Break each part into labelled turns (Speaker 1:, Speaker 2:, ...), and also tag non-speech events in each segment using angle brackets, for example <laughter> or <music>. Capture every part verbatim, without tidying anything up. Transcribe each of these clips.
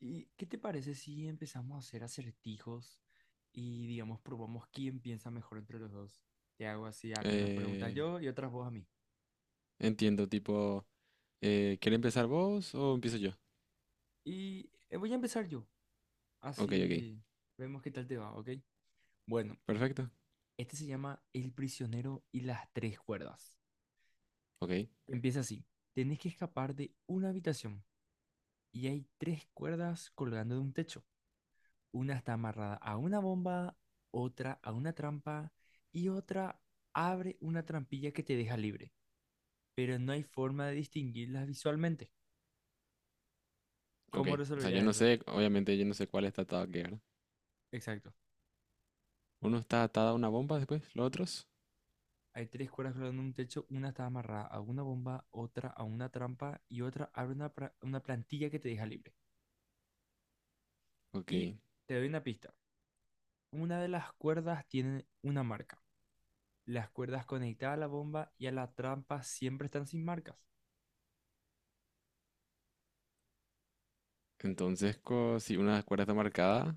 Speaker 1: ¿Y qué te parece si empezamos a hacer acertijos y, digamos, probamos quién piensa mejor entre los dos? Te hago así algunas preguntas
Speaker 2: Eh,
Speaker 1: yo y otras vos a mí.
Speaker 2: entiendo, tipo, eh, ¿quiere empezar vos o empiezo yo?
Speaker 1: Y eh, voy a empezar yo,
Speaker 2: Ok, ok.
Speaker 1: así vemos qué tal te va, ¿ok? Bueno,
Speaker 2: Perfecto.
Speaker 1: este se llama El prisionero y las tres cuerdas.
Speaker 2: Ok,
Speaker 1: Empieza así. Tenés que escapar de una habitación y hay tres cuerdas colgando de un techo. Una está amarrada a una bomba, otra a una trampa y otra abre una trampilla que te deja libre. Pero no hay forma de distinguirlas visualmente.
Speaker 2: ok.
Speaker 1: ¿Cómo
Speaker 2: O sea, yo
Speaker 1: resolverías
Speaker 2: no
Speaker 1: eso?
Speaker 2: sé, obviamente yo no sé cuál está atado a qué, ¿verdad?
Speaker 1: Exacto.
Speaker 2: Uno está atado a una bomba después, los otros.
Speaker 1: Hay tres cuerdas colgando en un techo, una está amarrada a una bomba, otra a una trampa y otra abre una, pra- una plantilla que te deja libre. Y
Speaker 2: Ok.
Speaker 1: te doy una pista. Una de las cuerdas tiene una marca. Las cuerdas conectadas a la bomba y a la trampa siempre están sin marcas.
Speaker 2: Entonces, co- si una cuerda está marcada,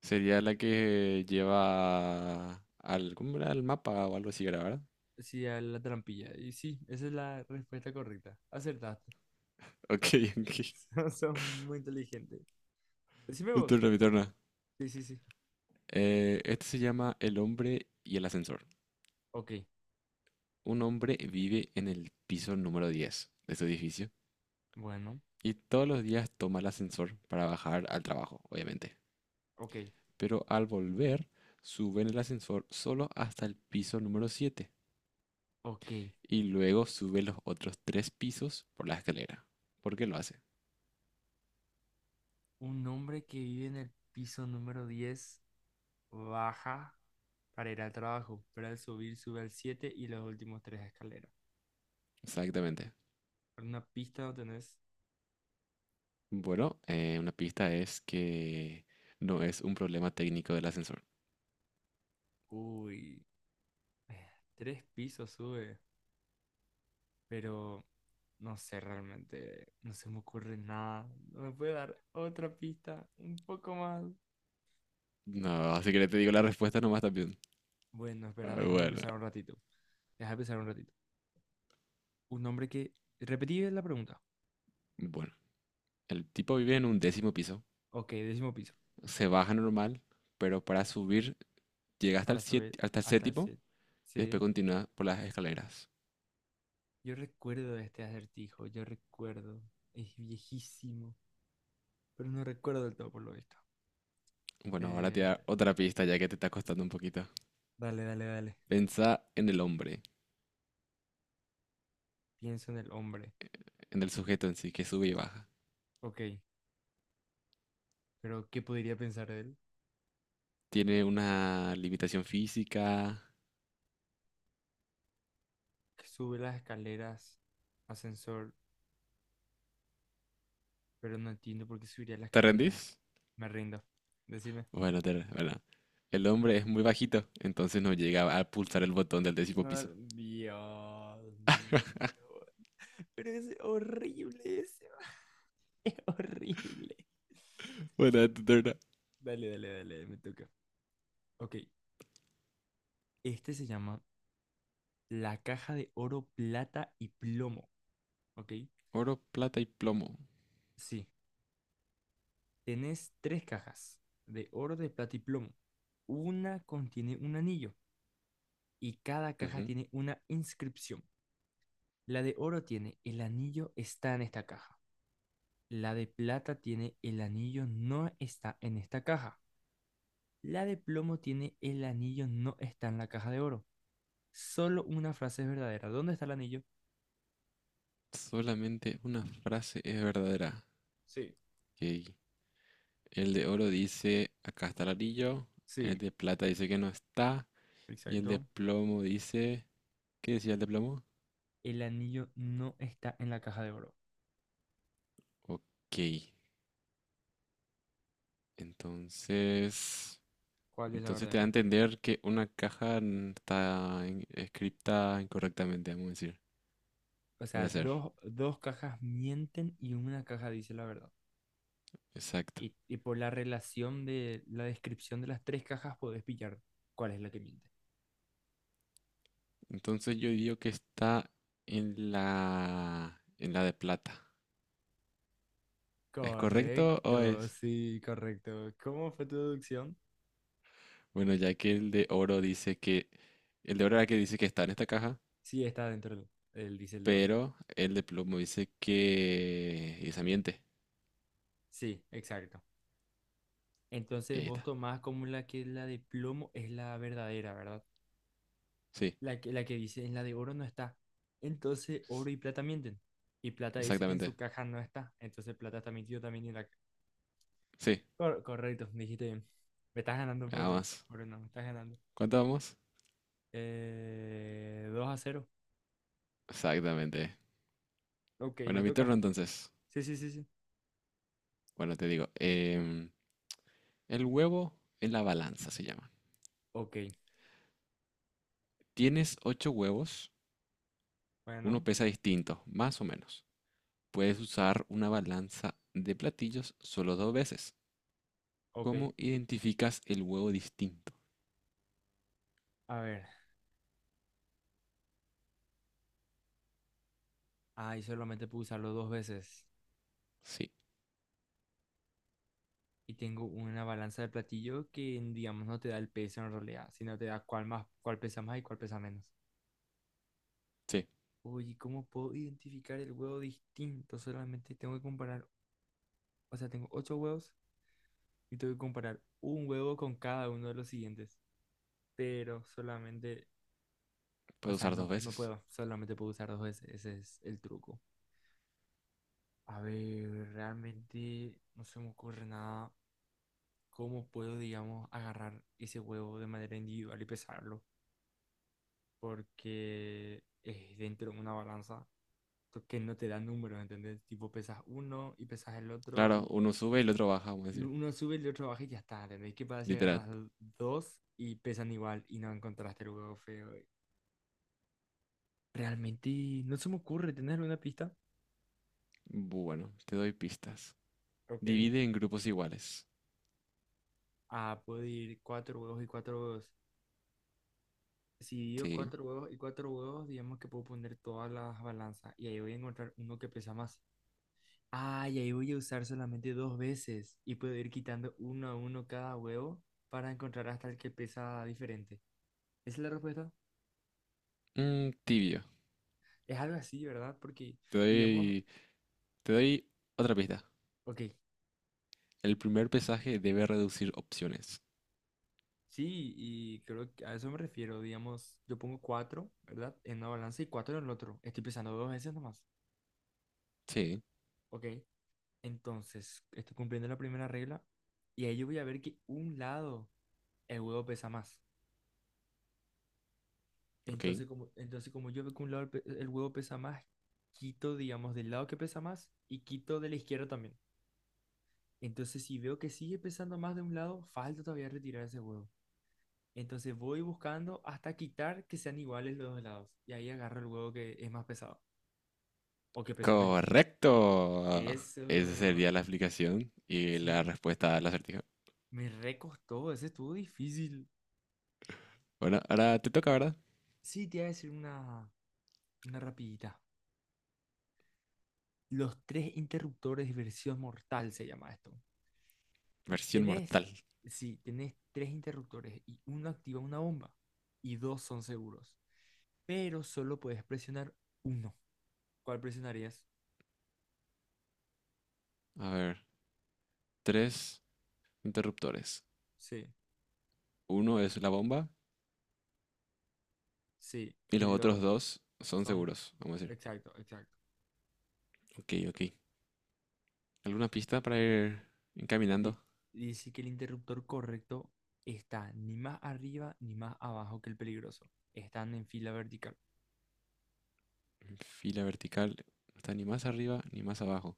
Speaker 2: sería la que lleva al, ¿cómo era? Al mapa o algo así, era, ¿verdad?
Speaker 1: Sí, a la trampilla. Y sí, esa es la respuesta correcta. Acertaste.
Speaker 2: Ok, <laughs> ok.
Speaker 1: <laughs> Son muy inteligentes. Decime
Speaker 2: Mi
Speaker 1: vos.
Speaker 2: turno, mi turno.
Speaker 1: Sí, sí, sí.
Speaker 2: Eh, este se llama El hombre y el ascensor.
Speaker 1: Ok,
Speaker 2: Un hombre vive en el piso número diez de su edificio.
Speaker 1: bueno,
Speaker 2: Y todos los días toma el ascensor para bajar al trabajo, obviamente.
Speaker 1: ok,
Speaker 2: Pero al volver, sube en el ascensor solo hasta el piso número siete.
Speaker 1: ok.
Speaker 2: Y luego sube los otros tres pisos por la escalera. ¿Por qué lo hace?
Speaker 1: Un hombre que vive en el piso número diez baja para ir al trabajo, pero al subir sube al siete y los últimos tres escaleras.
Speaker 2: Exactamente.
Speaker 1: Una pista no tenés...
Speaker 2: Bueno, eh, una pista es que no es un problema técnico del ascensor.
Speaker 1: Uy, eh, tres pisos sube, pero no sé realmente, no se me ocurre nada. ¿No me puede dar otra pista un poco más?
Speaker 2: No, así que le te digo la respuesta nomás también.
Speaker 1: Bueno, espera,
Speaker 2: Ah,
Speaker 1: déjame
Speaker 2: Bueno,
Speaker 1: pensar un ratito. Déjame pensar un ratito. Un hombre que... Repetí la pregunta.
Speaker 2: bueno. El tipo vive en un décimo piso.
Speaker 1: Ok, décimo piso,
Speaker 2: Se baja normal, pero para subir llega hasta
Speaker 1: para
Speaker 2: el
Speaker 1: subir
Speaker 2: siete, hasta el
Speaker 1: hasta el
Speaker 2: séptimo
Speaker 1: siete.
Speaker 2: y después
Speaker 1: Sí.
Speaker 2: continúa por las escaleras.
Speaker 1: Yo recuerdo este acertijo, yo recuerdo. Es viejísimo, pero no recuerdo del todo por lo visto.
Speaker 2: Bueno, ahora te
Speaker 1: Eh,
Speaker 2: da otra pista ya que te está costando un poquito.
Speaker 1: dale, dale, dale.
Speaker 2: Pensá en el hombre,
Speaker 1: Pienso en el hombre.
Speaker 2: en el sujeto en sí, que sube y baja.
Speaker 1: Ok, pero ¿qué podría pensar de él?
Speaker 2: ¿Tiene una limitación física?
Speaker 1: Que sube las escaleras, ascensor, pero no entiendo por qué subiría las
Speaker 2: ¿Te
Speaker 1: escaleras.
Speaker 2: rendís?
Speaker 1: Me rindo. Decime.
Speaker 2: Bueno, te, bueno. El hombre es muy bajito, entonces no llega a pulsar el botón del décimo
Speaker 1: No,
Speaker 2: piso. <laughs>
Speaker 1: Dios mío. Pero es horrible ese. <laughs> Es horrible.
Speaker 2: Bueno, es tu turno.
Speaker 1: Dale, dale, dale, me toca. Ok, este se llama la caja de oro, plata y plomo, ¿ok?
Speaker 2: Oro, plata y plomo.
Speaker 1: Sí, tenés tres cajas de oro, de plata y plomo. Una contiene un anillo y cada caja
Speaker 2: Ujú.
Speaker 1: tiene una inscripción. La de oro tiene el anillo está en esta caja. La de plata tiene el anillo no está en esta caja. La de plomo tiene el anillo no está en la caja de oro. Solo una frase es verdadera. ¿Dónde está el anillo?
Speaker 2: Solamente una frase es verdadera.
Speaker 1: Sí.
Speaker 2: Ok. El de oro dice, acá está el anillo. El
Speaker 1: Sí,
Speaker 2: de plata dice que no está. Y el de
Speaker 1: exacto.
Speaker 2: plomo dice, ¿qué decía el de plomo?
Speaker 1: El anillo no está en la caja de oro.
Speaker 2: Ok, entonces,
Speaker 1: ¿Cuál es la
Speaker 2: entonces te da a
Speaker 1: verdadera?
Speaker 2: entender que una caja n- está en- escrita incorrectamente, vamos a decir.
Speaker 1: O
Speaker 2: Puede
Speaker 1: sea,
Speaker 2: ser,
Speaker 1: dos, dos cajas mienten y una caja dice la verdad.
Speaker 2: exacto.
Speaker 1: Y, y por la relación de la descripción de las tres cajas podés pillar cuál es la que miente.
Speaker 2: Entonces yo digo que está en la, en la de plata. ¿Es correcto o
Speaker 1: Correcto,
Speaker 2: es?
Speaker 1: sí, correcto. ¿Cómo fue tu deducción?
Speaker 2: Bueno, ya que el de oro dice que, el de oro era el que dice que está en esta caja,
Speaker 1: Sí, está dentro del, del diésel de oro.
Speaker 2: pero el de plomo dice que, y se miente.
Speaker 1: Sí, exacto.
Speaker 2: Y
Speaker 1: Entonces
Speaker 2: ahí
Speaker 1: vos
Speaker 2: está.
Speaker 1: tomás como la que la de plomo es la verdadera, ¿verdad?
Speaker 2: Sí.
Speaker 1: La que, la que dice en la de oro no está. Entonces oro y plata mienten. Y plata dice que en su
Speaker 2: Exactamente.
Speaker 1: caja no está. Entonces plata está mintiendo también en la...
Speaker 2: Sí,
Speaker 1: Cor- correcto, dijiste bien. Me estás ganando por,
Speaker 2: vamos.
Speaker 1: por una, me estás ganando.
Speaker 2: ¿Cuánto vamos?
Speaker 1: Eh, dos a cero.
Speaker 2: Exactamente.
Speaker 1: Ok, me
Speaker 2: Bueno, mi
Speaker 1: toca.
Speaker 2: turno entonces.
Speaker 1: Sí, sí, sí, sí.
Speaker 2: Bueno, te digo. Em, el huevo en la balanza se llama.
Speaker 1: Ok,
Speaker 2: Tienes ocho huevos, uno
Speaker 1: bueno,
Speaker 2: pesa distinto, más o menos. Puedes usar una balanza de platillos solo dos veces.
Speaker 1: ok.
Speaker 2: ¿Cómo identificas el huevo distinto?
Speaker 1: A ver, ahí solamente puedo usarlo dos veces.
Speaker 2: Sí,
Speaker 1: Y tengo una balanza de platillo que, digamos, no te da el peso en realidad, sino te da cuál más, cuál pesa más y cuál pesa menos.
Speaker 2: sí,
Speaker 1: Oye, ¿cómo puedo identificar el huevo distinto? Solamente tengo que comparar, o sea, tengo ocho huevos y tengo que comparar un huevo con cada uno de los siguientes pero solamente... O
Speaker 2: puedes
Speaker 1: sea,
Speaker 2: usar
Speaker 1: no,
Speaker 2: dos
Speaker 1: no
Speaker 2: veces.
Speaker 1: puedo, solamente puedo usar dos veces, ese es el truco. A ver, realmente no se me ocurre nada. ¿Cómo puedo, digamos, agarrar ese huevo de manera individual y pesarlo? Porque es dentro de una balanza que no te da números, ¿entendés? Tipo, pesas uno y pesas el otro
Speaker 2: Claro,
Speaker 1: y
Speaker 2: uno sube y el otro baja, vamos a decir.
Speaker 1: uno sube, el otro baja y ya está, ¿entendés? ¿Qué pasa si
Speaker 2: Literal.
Speaker 1: agarras dos y pesan igual y no encontraste el huevo feo? Realmente no se me ocurre tener una pista.
Speaker 2: Bueno, te doy pistas.
Speaker 1: Ok.
Speaker 2: Divide en grupos iguales.
Speaker 1: Ah, puedo ir cuatro huevos y cuatro huevos. Si digo
Speaker 2: Sí.
Speaker 1: cuatro huevos y cuatro huevos, digamos que puedo poner todas las balanzas y ahí voy a encontrar uno que pesa más. Ah, y ahí voy a usar solamente dos veces y puedo ir quitando uno a uno cada huevo para encontrar hasta el que pesa diferente. ¿Esa es la respuesta?
Speaker 2: Mm, tibio.
Speaker 1: Es algo así, ¿verdad? Porque,
Speaker 2: Te
Speaker 1: digamos,
Speaker 2: doy, te doy otra pista.
Speaker 1: ok,
Speaker 2: El primer pesaje debe reducir opciones.
Speaker 1: sí, y creo que a eso me refiero. Digamos, yo pongo cuatro, ¿verdad? En una balanza y cuatro en el otro. Estoy pesando dos veces nomás.
Speaker 2: Sí,
Speaker 1: Ok. Entonces, estoy cumpliendo la primera regla y ahí yo voy a ver que un lado el huevo pesa más.
Speaker 2: ok.
Speaker 1: Entonces, como, entonces, como yo veo que un lado el, pe- el huevo pesa más, quito, digamos, del lado que pesa más y quito de la izquierda también. Entonces, si veo que sigue pesando más de un lado, falta todavía retirar ese huevo. Entonces voy buscando hasta quitar que sean iguales los dos lados. Y ahí agarro el huevo que es más pesado o que pesa menos.
Speaker 2: Correcto.
Speaker 1: Eso,
Speaker 2: Esa sería la explicación y la
Speaker 1: sí,
Speaker 2: respuesta al acertijo.
Speaker 1: me recostó, ese estuvo difícil.
Speaker 2: Bueno, ahora te toca, ¿verdad?
Speaker 1: Sí, te iba a decir una, una rapidita. Los tres interruptores de versión mortal se llama esto.
Speaker 2: Versión
Speaker 1: Tenés,
Speaker 2: mortal.
Speaker 1: sí, tenés tres interruptores y uno activa una bomba y dos son seguros. Pero solo puedes presionar uno. ¿Cuál presionarías?
Speaker 2: A ver, tres interruptores.
Speaker 1: Sí,
Speaker 2: Uno es la bomba
Speaker 1: sí.
Speaker 2: y
Speaker 1: Y
Speaker 2: los
Speaker 1: los
Speaker 2: otros dos son
Speaker 1: son...
Speaker 2: seguros, vamos a decir.
Speaker 1: Exacto, exacto.
Speaker 2: Ok, ok. ¿Alguna pista para ir
Speaker 1: Di-
Speaker 2: encaminando?
Speaker 1: dice que el interruptor correcto está ni más arriba ni más abajo que el peligroso. Están en fila vertical.
Speaker 2: Fila vertical. No está ni más arriba ni más abajo.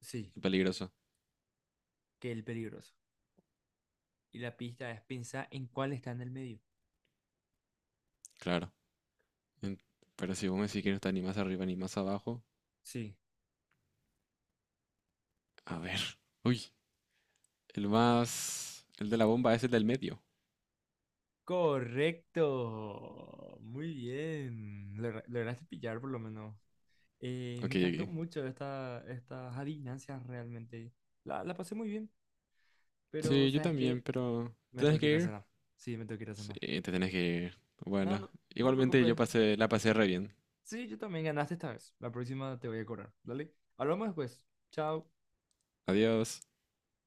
Speaker 1: Sí,
Speaker 2: Es peligroso.
Speaker 1: que el peligroso. Y la pista es pensar en cuál está en el medio.
Speaker 2: Claro. En- Pero si vos me decís que no está ni más arriba ni más abajo.
Speaker 1: Sí.
Speaker 2: A ver. Uy, el más. El de la bomba es el del medio.
Speaker 1: Correcto. Muy bien. Logra- Lograste pillar por lo menos. Eh, me
Speaker 2: Ok,
Speaker 1: encantó
Speaker 2: ok.
Speaker 1: mucho esta, estas adivinanzas realmente. La, la pasé muy bien, pero
Speaker 2: Sí, yo
Speaker 1: ¿sabes
Speaker 2: también,
Speaker 1: qué?
Speaker 2: pero. ¿Te
Speaker 1: Me tengo
Speaker 2: tenés
Speaker 1: que
Speaker 2: que
Speaker 1: ir a
Speaker 2: ir?
Speaker 1: cenar. Sí, me tengo que ir a
Speaker 2: Sí,
Speaker 1: cenar.
Speaker 2: te tenés que ir.
Speaker 1: No,
Speaker 2: Bueno,
Speaker 1: no, no te
Speaker 2: igualmente
Speaker 1: preocupes.
Speaker 2: yo pasé, la pasé re bien.
Speaker 1: Sí, yo también ganaste esta vez. La próxima te voy a cobrar. Dale. Hablamos después. Chao.
Speaker 2: Adiós.